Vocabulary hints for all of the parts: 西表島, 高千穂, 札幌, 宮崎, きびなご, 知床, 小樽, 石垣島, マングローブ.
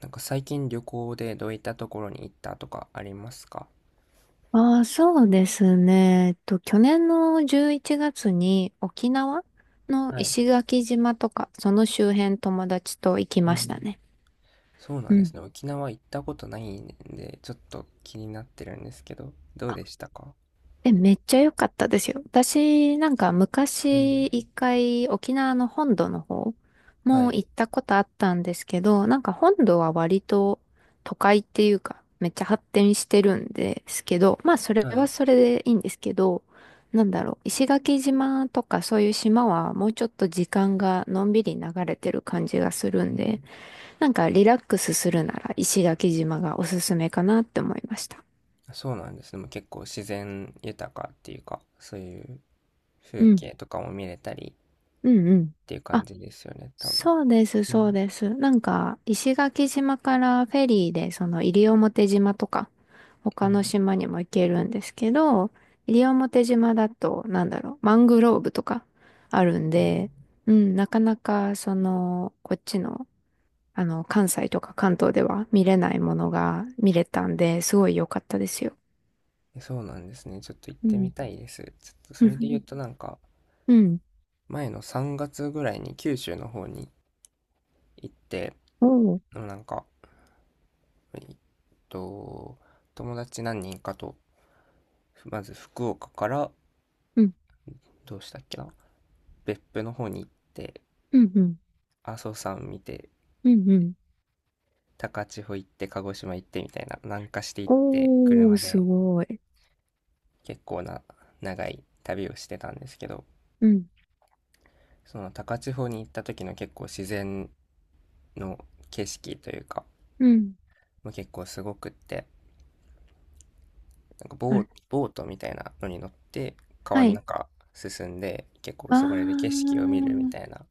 なんか最近旅行でどういったところに行ったとかありますか？ああ、そうですね。去年の11月に沖縄のはい。石垣島とか、その周辺友達と行きうましたん。ね。そうなうんですん。ね。沖縄行ったことないんで、ちょっと気になってるんですけど、どうでしたか？え、めっちゃ良かったですよ。私、なんかう昔ん。一回沖縄の本土の方はもい。行ったことあったんですけど、なんか本土は割と都会っていうか、めっちゃ発展してるんですけど、まあそれははい。それでいいんですけど、なんだろう、石垣島とかそういう島はもうちょっと時間がのんびり流れてる感じがするうんん。で、なんかリラックスするなら石垣島がおすすめかなって思いました。そうなんですね。でも結構自然豊かっていうか、そういうう風ん、景とかも見れたりうん、うっん。ていう感じですよね、多分。そうです、うそうん。です。なんか、石垣島からフェリーで、その西表島とか、う他ん。の島にも行けるんですけど、西表島だと、なんだろう、マングローブとかあるんはい。で、うん、なかなか、その、こっちの、関西とか関東では見れないものが見れたんで、すごい良かったですよ。え、そうなんですね。ちょっと行っうてみん。たいです。ちょっとそれで言う となんか、うん。前の3月ぐらいに九州の方に行って、 おーなんかえっと友達何人かと、まず福岡から、うん。どうしたっけな、別府の方に行って、うん。うん。阿蘇山見て、うん。うん高千穂行って、鹿児島行って、みたいな南下して行って、おー、車すでごい。結構な長い旅をしてたんですけど、うん。その高千穂に行った時の結構自然の景色というか、うん。もう結構すごくって、なんかあれボートみたいなのに乗って、川はのい。中進んで、結構あそこで景色を見るみー、たいな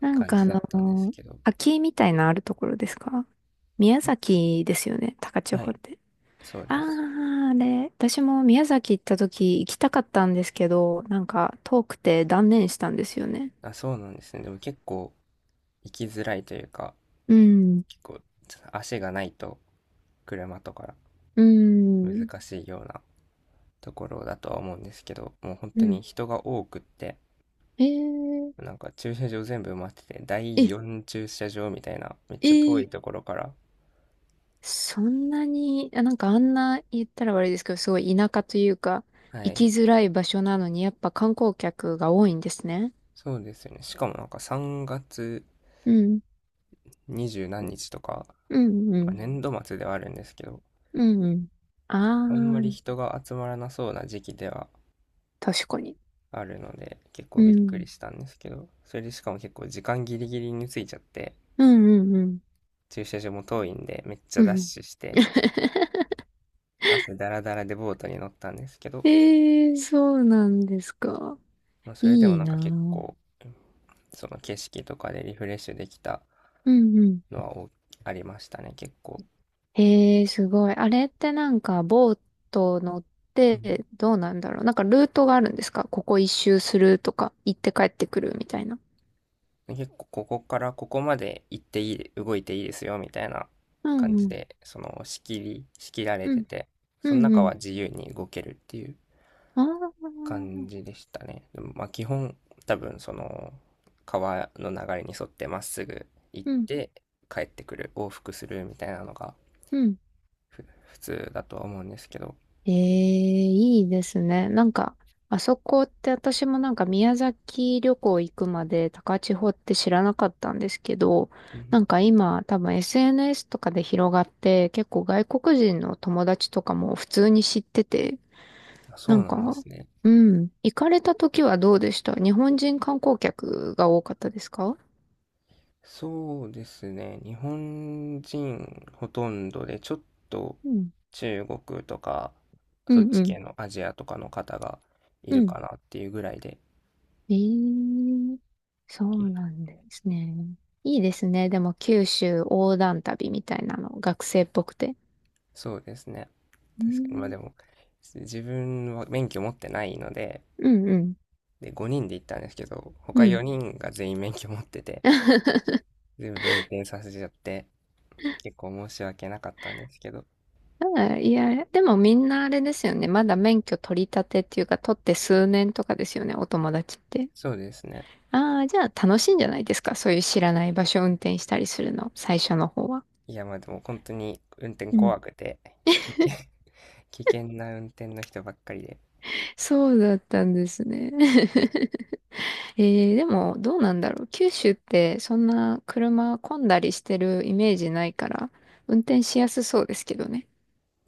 なん感かあじだったんですの、けど。滝みたいなあるところですか？宮崎ですよね、高千は穂い、って。そうあです。ー、あれ、私も宮崎行った時行きたかったんですけど、なんか遠くて断念したんですよね。あ、そうなんですね。でも結構行きづらいというか、うん、結構ちょっと足がないと車とかうん、難しいようなところだとは思うんですけど、もう本う当ん。に人が多くって、えー、なんか駐車場全部埋まってて、第え、4駐車場みたいなめっえちゃ遠いとー、ころから。そんなに、あなんかあんな言ったら悪いですけど、すごい田舎というか、は行きい。づらい場所なのに、やっぱ観光客が多いんですね。そうですよね。しかもなんか3月うん二十何日とか、うんうまあ、ん。年度末ではあるんですけど、うんうん。あんまありあ、人が集まらなそうな時期では確かに。あるので、結構うびっくん。りしたんですけど、それでしかも結構時間ギリギリについちゃって、うんうんうん。駐車場も遠いんで、めっちゃうダッん。シュして、朝ダラダラでボートに乗ったんですけど、ええーそうなんですか。まあ、それでもいいなんなか結ぁ。構、その景色とかでリフレッシュできたうんうん。のはありましたね、結構。ええすごい。あれってなんか、ボート乗っうん。て、どうなんだろう。なんか、ルートがあるんですか？ここ一周するとか、行って帰ってくるみたいな。結構ここからここまで行っていい、動いていいですよ、みたいなう感んじうん。で、その仕切られうてん。て、うそのんう中ん。は自由に動けるっていうあ感じあ。でしたね。でもまあ基本、多分その川の流れに沿ってまっすぐ行っうん。て帰ってくる、往復するみたいなのがうん。普通だとは思うんですけど、ええいいですね。なんか、あそこって私もなんか宮崎旅行行くまで高千穂って知らなかったんですけど、うん、なんか今多分 SNS とかで広がって結構外国人の友達とかも普通に知ってて、あ、そなうんなんでか、すね。うん、行かれた時はどうでした？日本人観光客が多かったですか？そうですね。日本人ほとんどで、ちょっとうん。中国とか、うそっんうちん。系のアジアとかの方がいうるんかなっていうぐらいで、ええそうなんですね。いいですね。でも、九州横断旅みたいなの、学生っぽくて。そうですね。う確かに。まあん、でも、自分は免許持ってないので、うん、うん。で、5人で行ったんですけど、う他ん 4人が全員免許持ってて、全部運転させちゃって、結構申し訳なかったんですけど、あいや、でもみんなあれですよね。まだ免許取り立てっていうか、取って数年とかですよね、お友達って。そうですね。ああ、じゃあ楽しいんじゃないですか？そういう知らない場所を運転したりするの、最初の方は。いや、まあでも本当に運転うん。怖くて、危険危険な運転の人ばっかりで。そうだったんですね。えー、でも、どうなんだろう。九州って、そんな車混んだりしてるイメージないから、運転しやすそうですけどね。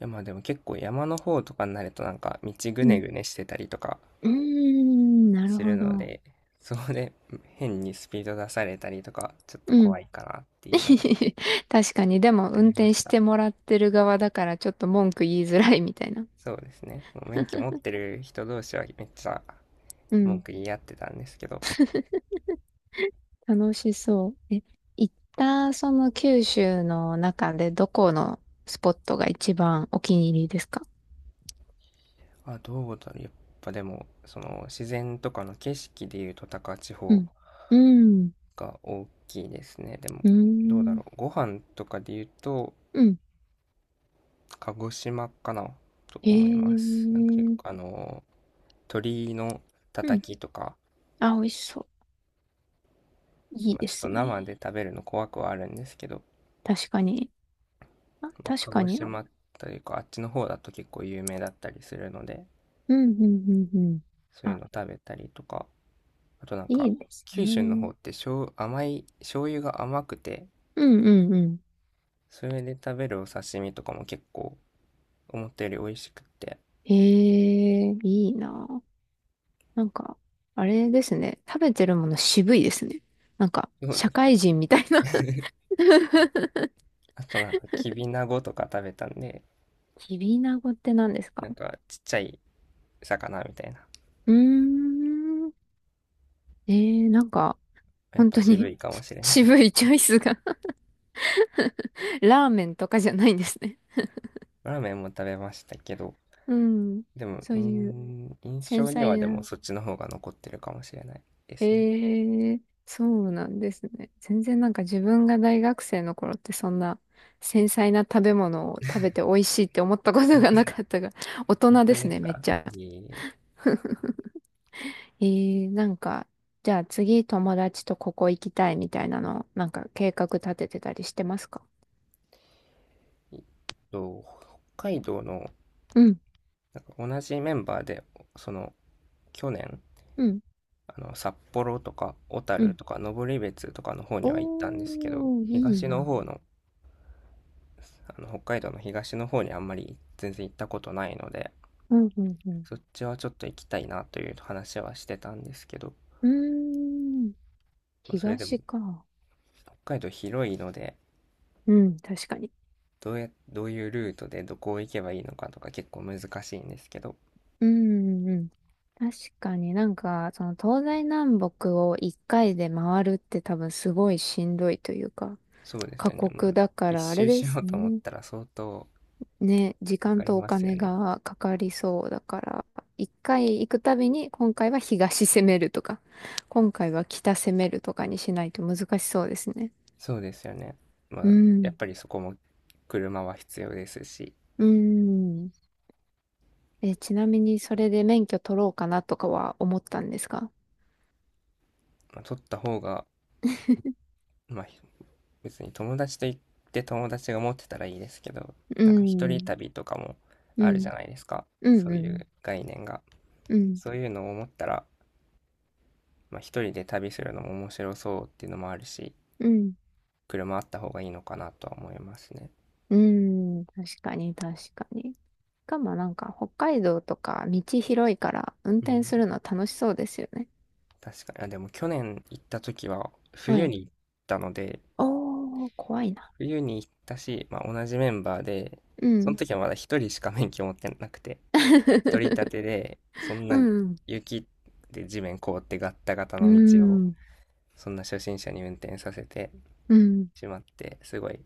いやまあでも結構山の方とかになると、なんか道ぐうねん。ぐねしてたりとかうーん、なるするほのど。で、そこで 変にスピード出されたりとか、ちょっとうん。怖いかなっていうのが 確かに、でも、あ運りま転しした。てもらってる側だから、ちょっと文句言いづらいみたいな。そうですね。もう免許持ってる人同士はめっちゃう文ん。句言い合ってたんですけど、楽しそう。え、行った、その九州の中で、どこのスポットが一番お気に入りですか？あ、どうだろう。やっぱでも、その自然とかの景色でいうと、高千う穂ん。うん。が大きいですね。でも、うーどうだん。ろう。ご飯とかで言うと、うん。鹿児島かなと思いまへす。なんか結構、あえ。の鳥のたうたん。きとか、あ、美味しそう。いまいあ、でちょっとすね。生で食べるの怖くはあるんですけど、確かに。あ、まあ、確鹿か児に。うん島というか、あっちの方だと結構有名だったりするので、うんうんうん。そういうあ、の食べたりとか、あとなんいか、いです九州のね。方って醤油が甘くて、うんうんうん。それで食べるお刺身とかも結構思ったより美味しくって、へえ、いいな。なんか、あれですね。食べてるもの渋いですね。なんか、そうで社す会人みたいな ね。あとなんか、きびなごとか食べたんで、きびなごって何ですなか？んかちっちゃい魚みたいな。うーん。えー、なんか、やっ本ぱ当渋に いかもし れない。渋いチョイスが ラーメンとかじゃないんですね。ラーメンも食べましたけど、うん。でも、そういう印繊象には細でな。もそっちの方が残ってるかもしれないですね。ええそうなんですね。全然なんか自分が大学生の頃ってそんな繊細な食べ物を食べて美味しいって思ったことがなかったが、大本人当ですでね、すめっか？ちゃ。いえいえ。ええなんか、じゃあ次友達とここ行きたいみたいなの、なんか計画立ててたりしてますか？えっと、北海道の、うん、なんか同じメンバーで、その、去年、うん、札幌とか小う樽ん。とか登別とかの方には行ったんですけど、おー、いい東のな。方の、あの、北海道の東の方にあんまり全然行ったことないので、うん、うん、うん。そっちはちょっと行きたいなという話はしてたんですけど、うーん、まあ、それでも東か。北海道広いので、うん、確かに。どういうルートでどこを行けばいいのかとか結構難しいんですけど、うんうん。確かになんか、その東西南北を一回で回るって多分すごいしんどいというか、そうです過よね。も酷うだか一らあれ周でしすようと思っね。たら相当ね、時か間かりとおますよ金ね。がかかりそうだから、一回行くたびに今回は東攻めるとか、今回は北攻めるとかにしないと難しそうですね。そうですよね。まうあ、やっん。ぱりそこも車は必要ですし、うん。え、ちなみにそれで免許取ろうかなとかは思ったんですか？まあ、取った方が、まあ、別に友達と行って友達が持ってたらいいですけど、うなんか一ん。人旅とかもうあるじん。ゃないですか。うそんうういん。う概念が。うんそういうのを思ったら、まあ、一人で旅するのも面白そうっていうのもあるし、うん。車あった方がいいのかなとは思いますね。うん。確かに、確かに。しかもなんか、北海道とか道広いから、運う転ん。するの楽しそうですよね。確かに。あ、でも去年行った時はは冬い。に行ったので、おー、怖いな。冬に行ったし、まあ、同じメンバーで、うそのん。時はまだ一人しか免許持ってなくて、取り立 てで、そんうなん。雪で地面凍ってガッタガタうの道を、ん。そんな初心者に運転させてうん。しまって、すごい、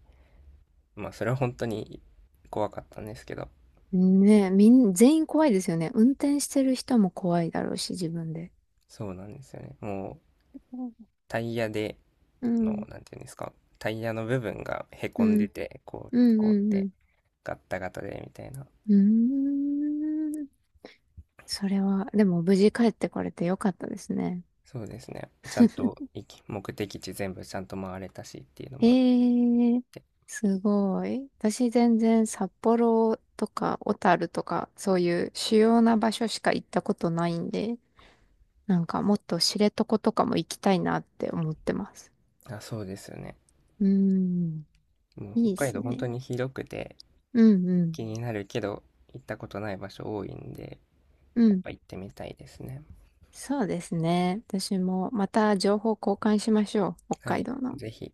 まあそれは本当に怖かったんですけど、ねえ、みん、全員怖いですよね。運転してる人も怖いだろうし、自分で。そうなんですよね。もううん。タイヤでうん。の、なんていうんですか、タイヤの部分がへうこんでん。て、こうう、こうっん。うてん。ガッタガタでみたいな。うーんそれは、でも無事帰ってこれてよかったですね。そうですね。ちゃんと目的地全部ちゃんと回れたしっていうのもあっええて。すごい。私全然札幌とか小樽とかそういう主要な場所しか行ったことないんで、なんかもっと知床とかも行きたいなって思ってます。あ、そうですよね。うーん、もういいで北海す道本ね。当に広くて、うんうん、気になるけど行ったことない場所多いんで、うやっん。ぱ行ってみたいですね。そうですね。私もまた情報交換しましょう。北は海い。道の。ぜひ。